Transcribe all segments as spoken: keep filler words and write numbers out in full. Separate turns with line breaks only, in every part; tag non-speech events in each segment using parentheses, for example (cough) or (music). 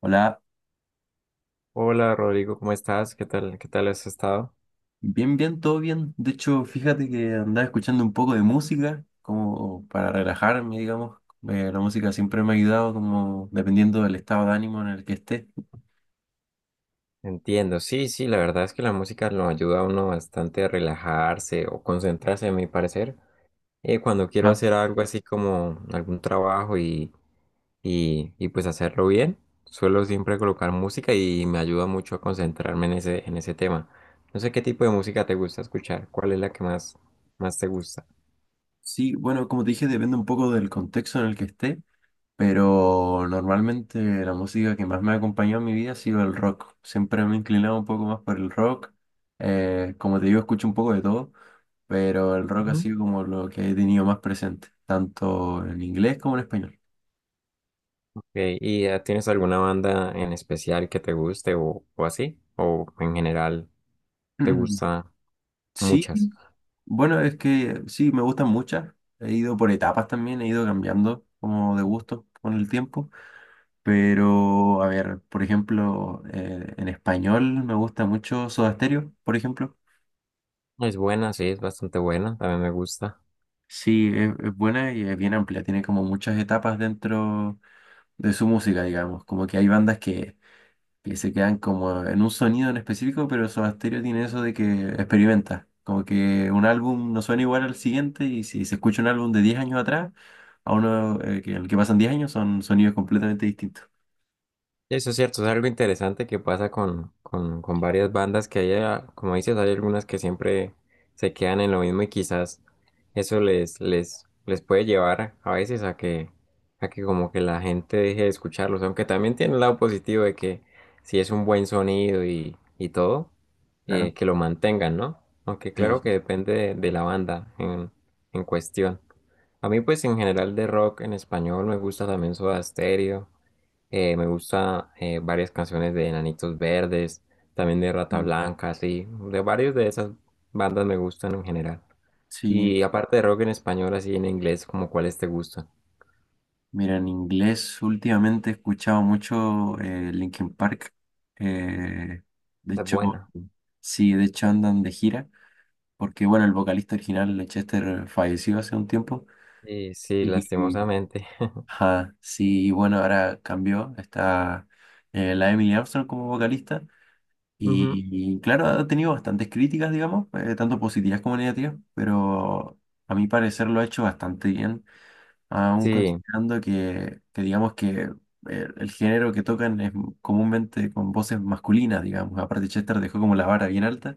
Hola,
Hola Rodrigo, ¿cómo estás? ¿Qué tal? ¿Qué tal has estado?
bien, bien, todo bien. De hecho, fíjate que andaba escuchando un poco de música, como para relajarme, digamos. Eh, la música siempre me ha ayudado, como dependiendo del estado de ánimo en el que esté.
Entiendo, sí, sí, la verdad es que la música lo ayuda a uno bastante a relajarse o concentrarse, a mi parecer. Eh, cuando quiero
Ajá.
hacer algo así como algún trabajo y, y, y pues hacerlo bien, suelo siempre colocar música y me ayuda mucho a concentrarme en ese, en ese tema. No sé qué tipo de música te gusta escuchar, cuál es la que más, más te gusta.
Sí, bueno, como te dije, depende un poco del contexto en el que esté, pero normalmente la música que más me ha acompañado en mi vida ha sido el rock. Siempre me he inclinado un poco más por el rock. Eh, como te digo, escucho un poco de todo, pero el rock ha
Ujú.
sido como lo que he tenido más presente, tanto en inglés como en español.
Ok, ¿Y eh, tienes alguna banda en especial que te guste o, o así? ¿O en general? Te
Mm,
gusta
sí,
muchas.
bueno, es que sí, me gustan muchas. He ido por etapas también, he ido cambiando como de gusto con el tiempo. Pero, a ver, por ejemplo, eh, en español me gusta mucho Soda Stereo, por ejemplo.
Es buena, sí, es bastante buena, también me gusta.
Sí, es, es buena y es bien amplia, tiene como muchas etapas dentro de su música, digamos. Como que hay bandas que que se quedan como en un sonido en específico, pero Soda Stereo tiene eso de que experimenta. Como que un álbum no suena igual al siguiente y si se escucha un álbum de diez años atrás, a uno eh, que, el que pasan diez años son sonidos completamente distintos.
Y eso es cierto, es algo interesante que pasa con, con, con varias bandas que hay, ah, como dices, hay algunas que siempre se quedan en lo mismo y quizás eso les, les, les puede llevar a veces a que, a que como que la gente deje de escucharlos, aunque también tiene el lado positivo de que si es un buen sonido y, y todo, eh,
Claro.
que lo mantengan, ¿no? Aunque
Sí,
claro que
sí.
depende de, de la banda en, en cuestión. A mí, pues, en general de rock en español me gusta también Soda Stereo, eh, me gusta eh, varias canciones de Enanitos Verdes, también de Rata
Mm.
Blanca, sí, de varios de esas bandas me gustan en general.
Sí,
Y aparte de rock en español, así en inglés, como cuáles te gustan?
mira, en inglés últimamente he escuchado mucho eh, Linkin Park. Eh, de
Está
hecho,
buena.
sí, de hecho andan de gira, porque bueno, el vocalista original, Chester, falleció hace un tiempo.
Sí, sí,
y
lastimosamente. (laughs)
Ajá, sí, y bueno, ahora cambió, está eh, la Emily Armstrong como vocalista
Ujú.
y, y claro, ha tenido bastantes críticas, digamos, eh, tanto positivas como negativas, pero a mi parecer lo ha hecho bastante bien, aún
Sí,
considerando que, que digamos que eh, el género que tocan es comúnmente con voces masculinas, digamos, aparte Chester dejó como la vara bien alta.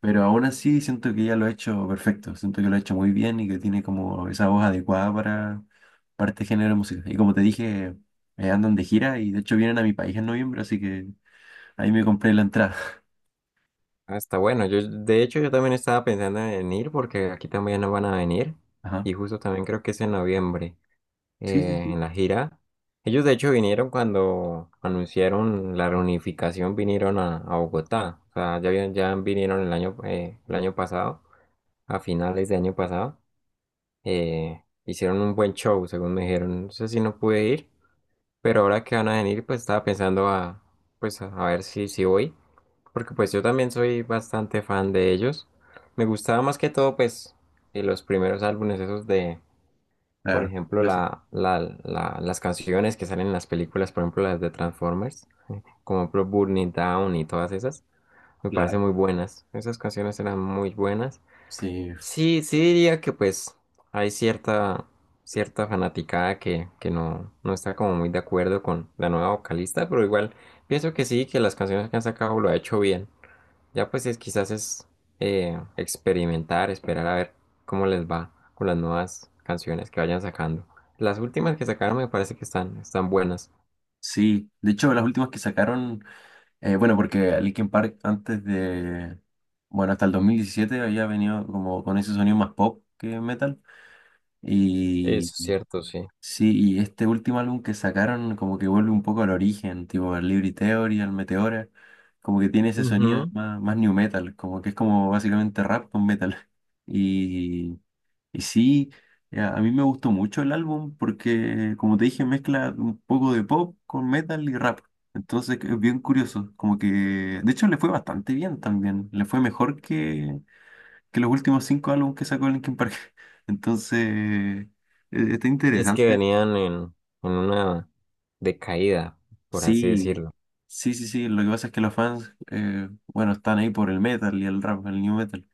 Pero aún así siento que ya lo ha hecho perfecto, siento que lo ha hecho muy bien y que tiene como esa voz adecuada para, para este género de música. Y como te dije, eh, andan de gira y de hecho vienen a mi país en noviembre, así que ahí me compré la entrada.
hasta bueno. Yo, de hecho, yo también estaba pensando en ir porque aquí también no van a venir
(laughs) Ajá.
y justo también creo que es en noviembre,
Sí, sí,
eh,
sí.
en la gira. Ellos de hecho vinieron cuando anunciaron la reunificación, vinieron a, a Bogotá. O sea, ya, habían- ya vinieron el año, eh, el año pasado, a finales de año pasado. Eh, hicieron un buen show, según me dijeron. No sé si no pude ir, pero ahora que van a venir, pues estaba pensando a, pues, a a ver si, si voy. Porque pues yo también soy bastante fan de ellos. Me gustaba más que todo, pues, eh, los primeros álbumes esos de por
Claro,
ejemplo,
clásico.
la, la- la- las canciones que salen en las películas, por ejemplo, las de Transformers, como por ejemplo Burn It Down y todas esas, me parecen
Claro.
muy buenas. Esas canciones eran muy buenas.
Sí,
Sí, sí diría que pues hay cierta, cierta fanaticada que, que no, no está como muy de acuerdo con la nueva vocalista, pero igual pienso que sí, que las canciones que han sacado lo ha hecho bien. Ya pues es quizás es eh, experimentar, esperar a ver cómo les va con las nuevas canciones que vayan sacando. Las últimas que sacaron me parece que están, están buenas.
sí. De hecho, las últimas que sacaron, eh, bueno, porque Linkin Park antes de, bueno, hasta el dos mil diecisiete había venido como con ese sonido más pop que metal.
Eso es cierto, sí.
Sí, y este último álbum que sacaron como que vuelve un poco al origen, tipo al Liberty Theory, al Meteora, como que tiene ese sonido
Ujú.
más, más new metal, como que es como básicamente rap con metal. (laughs) Y, y sí, ya, a mí me gustó mucho el álbum porque, como te dije, mezcla un poco de pop con metal y rap. Entonces es bien curioso, como que, de hecho le fue bastante bien también, le fue mejor que, que los últimos cinco álbumes que sacó Linkin Park. (laughs) Entonces... Eh, está
Y es que
interesante.
venían en, en una decaída, por así
Sí,
decirlo.
sí, sí, sí. Lo que pasa es que los fans, eh, bueno, están ahí por el metal y el rap, el new metal.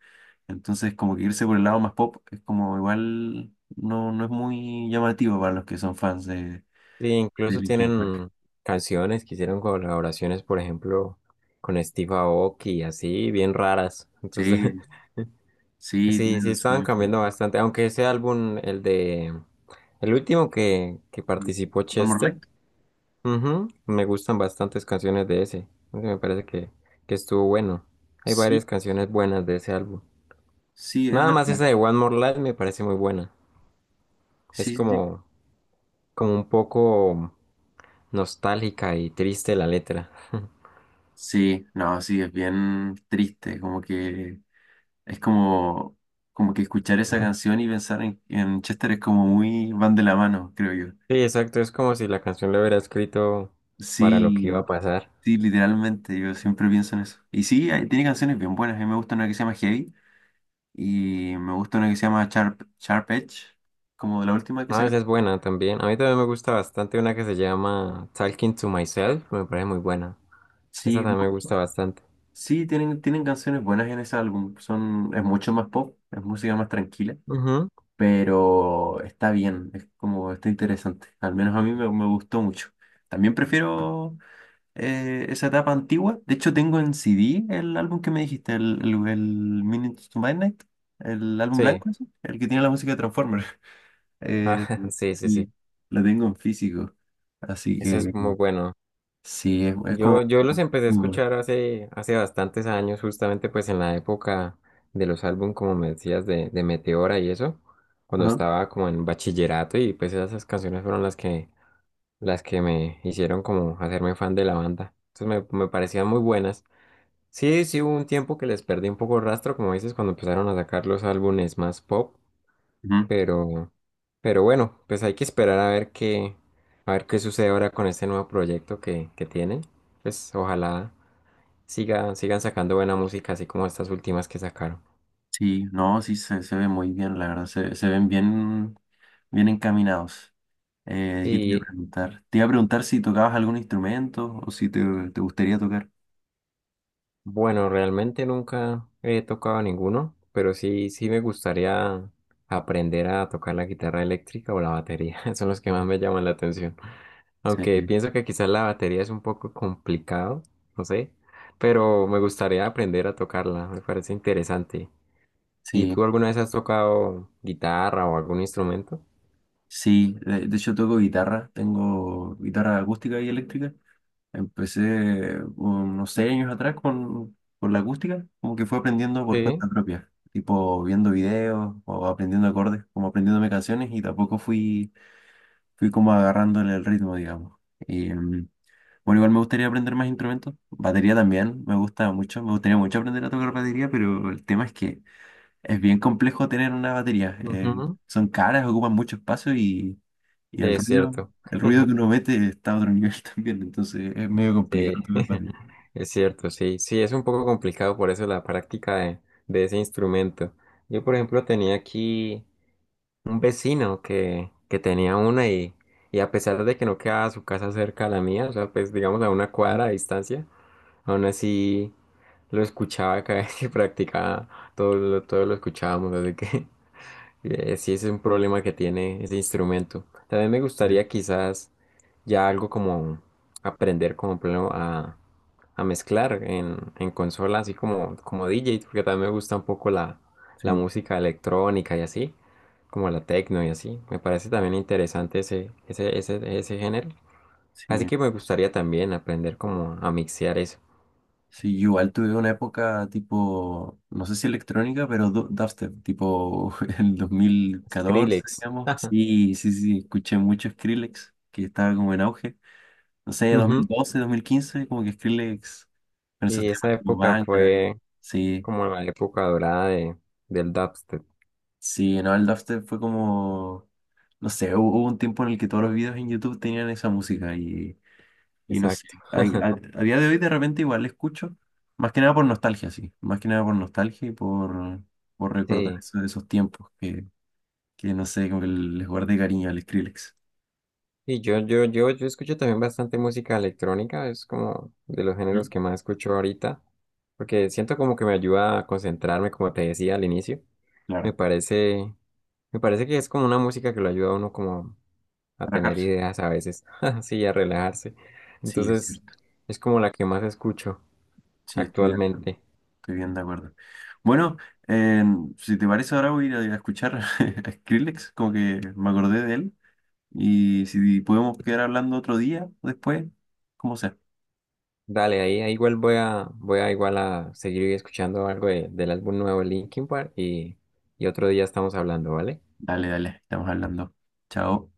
Entonces, como que irse por el lado más pop es como igual no, no es muy llamativo para los que son fans de,
Sí,
de
incluso
Linkin Park.
tienen canciones que hicieron colaboraciones, por ejemplo, con Steve Aoki y así, bien raras. Entonces,
Sí,
(laughs)
sí,
sí,
tienen
sí
el
estaban
sueño.
cambiando bastante, aunque ese álbum, el de, el último que, que participó
One More
Chester,
Light.
ujú, me gustan bastantes canciones de ese, ese me parece que, que estuvo bueno, hay
Sí,
varias canciones buenas de ese álbum,
sí, es
nada más
verdad.
esa de One More Life me parece muy buena, es
Sí, sí, sí.
como, como un poco nostálgica y triste la letra,
Sí, no, sí, es bien triste. Como que es como, como que escuchar esa canción y pensar en, en Chester es como muy van de la mano, creo yo.
sí, exacto, es como si la canción la hubiera escrito para lo que iba a
Sí,
pasar.
sí, literalmente, yo siempre pienso en eso. Y sí, hay- tiene canciones bien buenas. A mí me gusta una que se llama Heavy y me gusta una que se llama Sharp, Sharp Edge, como la última que
No,
saca.
esa es buena también. A mí también me gusta bastante una que se llama Talking to Myself. Me parece muy buena. Esa
Sí, ¿no?
también me gusta bastante.
Sí, tienen, tienen canciones buenas en ese álbum. Son, es mucho más pop, es música más tranquila,
Ujú.
pero está bien, es como, está interesante. Al menos a mí me, me gustó mucho. También prefiero eh, esa etapa antigua. De hecho, tengo en C D el álbum que me dijiste, el, el, el Minutes to Midnight, el álbum
Sí. (laughs)
blanco, ese, el que tiene la música de Transformers. (laughs) Eh,
Ah, sí, sí, sí.
y la tengo en físico. Así
Esa es
que
muy bueno.
sí, es, es
Yo,
como
yo los empecé a
muy bueno.
escuchar hace, hace bastantes años, justamente pues en la época de los álbumes, como me decías, de, de Meteora y eso, cuando
Ajá.
estaba como en bachillerato y pues esas canciones fueron las que, las que me hicieron como hacerme fan de la banda. Entonces me, me parecían muy buenas. Sí, sí hubo un tiempo que les perdí un poco rastro, como dices, cuando empezaron a sacar los álbumes más pop,
Ujú.
pero, pero bueno, pues hay que esperar a ver qué, a ver qué sucede ahora con este nuevo proyecto que, que tienen. Pues ojalá siga, sigan sacando buena música, así como estas últimas que sacaron.
Sí, no, sí se, se ve muy bien, la verdad. Se, se ven bien, bien encaminados. Eh, ¿qué te iba a
Sí,
preguntar? Te iba a preguntar si tocabas algún instrumento o si te, te gustaría tocar.
bueno, realmente nunca he tocado ninguno, pero sí, sí me gustaría aprender a tocar la guitarra eléctrica o la batería. (laughs) Son los que más me llaman la atención.
Sí,
Aunque pienso que quizás la batería es un poco complicado, no sé, pero me gustaría aprender a tocarla, me parece interesante. ¿Y
sí,
tú alguna vez has tocado guitarra o algún instrumento?
sí, de, de hecho toco guitarra, tengo guitarra acústica y eléctrica. Empecé unos seis años atrás con, con la acústica, como que fue aprendiendo por
Sí,
cuenta propia, tipo viendo videos o aprendiendo acordes, como aprendiéndome canciones y tampoco fui, fui como agarrándole el ritmo, digamos. Y, mm, bueno, igual me gustaría aprender más instrumentos, batería también, me gusta mucho, me gustaría mucho aprender a tocar batería, pero el tema es que es bien complejo tener una batería, eh,
ujú,
son caras, ocupan mucho espacio y... Y
sí,
el
es
ruido,
cierto,
el ruido que uno mete está a otro nivel (laughs) también, entonces es medio
sí,
complicado tocar batería.
(laughs) es cierto, sí, sí, es un poco complicado por eso la práctica de, de ese instrumento. Yo, por ejemplo, tenía aquí un vecino que, que tenía una y, y a pesar de que no quedaba su casa cerca a la mía, o sea, pues digamos a una
¿No?
cuadra de distancia, aún así, lo escuchaba cada vez que (laughs) practicaba, todo lo, todo lo escuchábamos, así que (laughs) eh, sí es un problema que tiene ese instrumento. También me
Bien.
gustaría quizás ya algo como aprender como por ejemplo, a, a mezclar en, en consola, así como, como D J, porque también me gusta un poco la, la
Sí,
música electrónica y así, como la techno y así. Me parece también interesante ese, ese, ese, ese género. Así
sí.
que me gustaría también aprender como a mixear eso.
Sí, yo igual tuve una época tipo, no sé si electrónica, pero du- dubstep, tipo (laughs) el dos mil catorce
Skrillex.
digamos. Sí, sí, sí, escuché mucho Skrillex, que estaba como en auge. No sé, dos dos mil
Ujú.
doce dos mil quince como que Skrillex, con esos
Y
temas
esa
como
época
Bang,
fue
sí,
como la época dorada de, del dubstep.
sí, no, el dubstep fue como, no sé, hu- hubo un tiempo en el que todos los videos en YouTube tenían esa música y, y no sé,
Exacto.
hay- a,
(laughs)
a día de hoy de repente igual la escucho, más que nada por nostalgia, sí, más que nada por nostalgia y por, por recordar
Sí.
eso, esos tiempos que, que no sé, como que les guardé cariño al Skrillex.
Y yo, yo, yo, yo escucho también bastante música electrónica, es como de los géneros
¿Mm?
que más escucho ahorita, porque siento como que me ayuda a concentrarme, como te decía al inicio. Me
Claro,
parece, me parece que es como una música que lo ayuda a uno como a tener
relajarse.
ideas a veces, (laughs) sí, a relajarse.
Sí, es
Entonces,
cierto,
es como la que más escucho
sí, estoy de acuerdo,
actualmente.
estoy bien de acuerdo. Bueno, eh, si te parece ahora voy a ir a escuchar (laughs) a Skrillex, como que me acordé de él. Y si podemos quedar hablando otro día, después, como sea.
Dale, ahí, ahí igual voy a, voy a igual a seguir escuchando algo de- del álbum nuevo de Linkin Park y, y otro día estamos hablando, ¿vale?
Dale, dale, estamos hablando. Chao.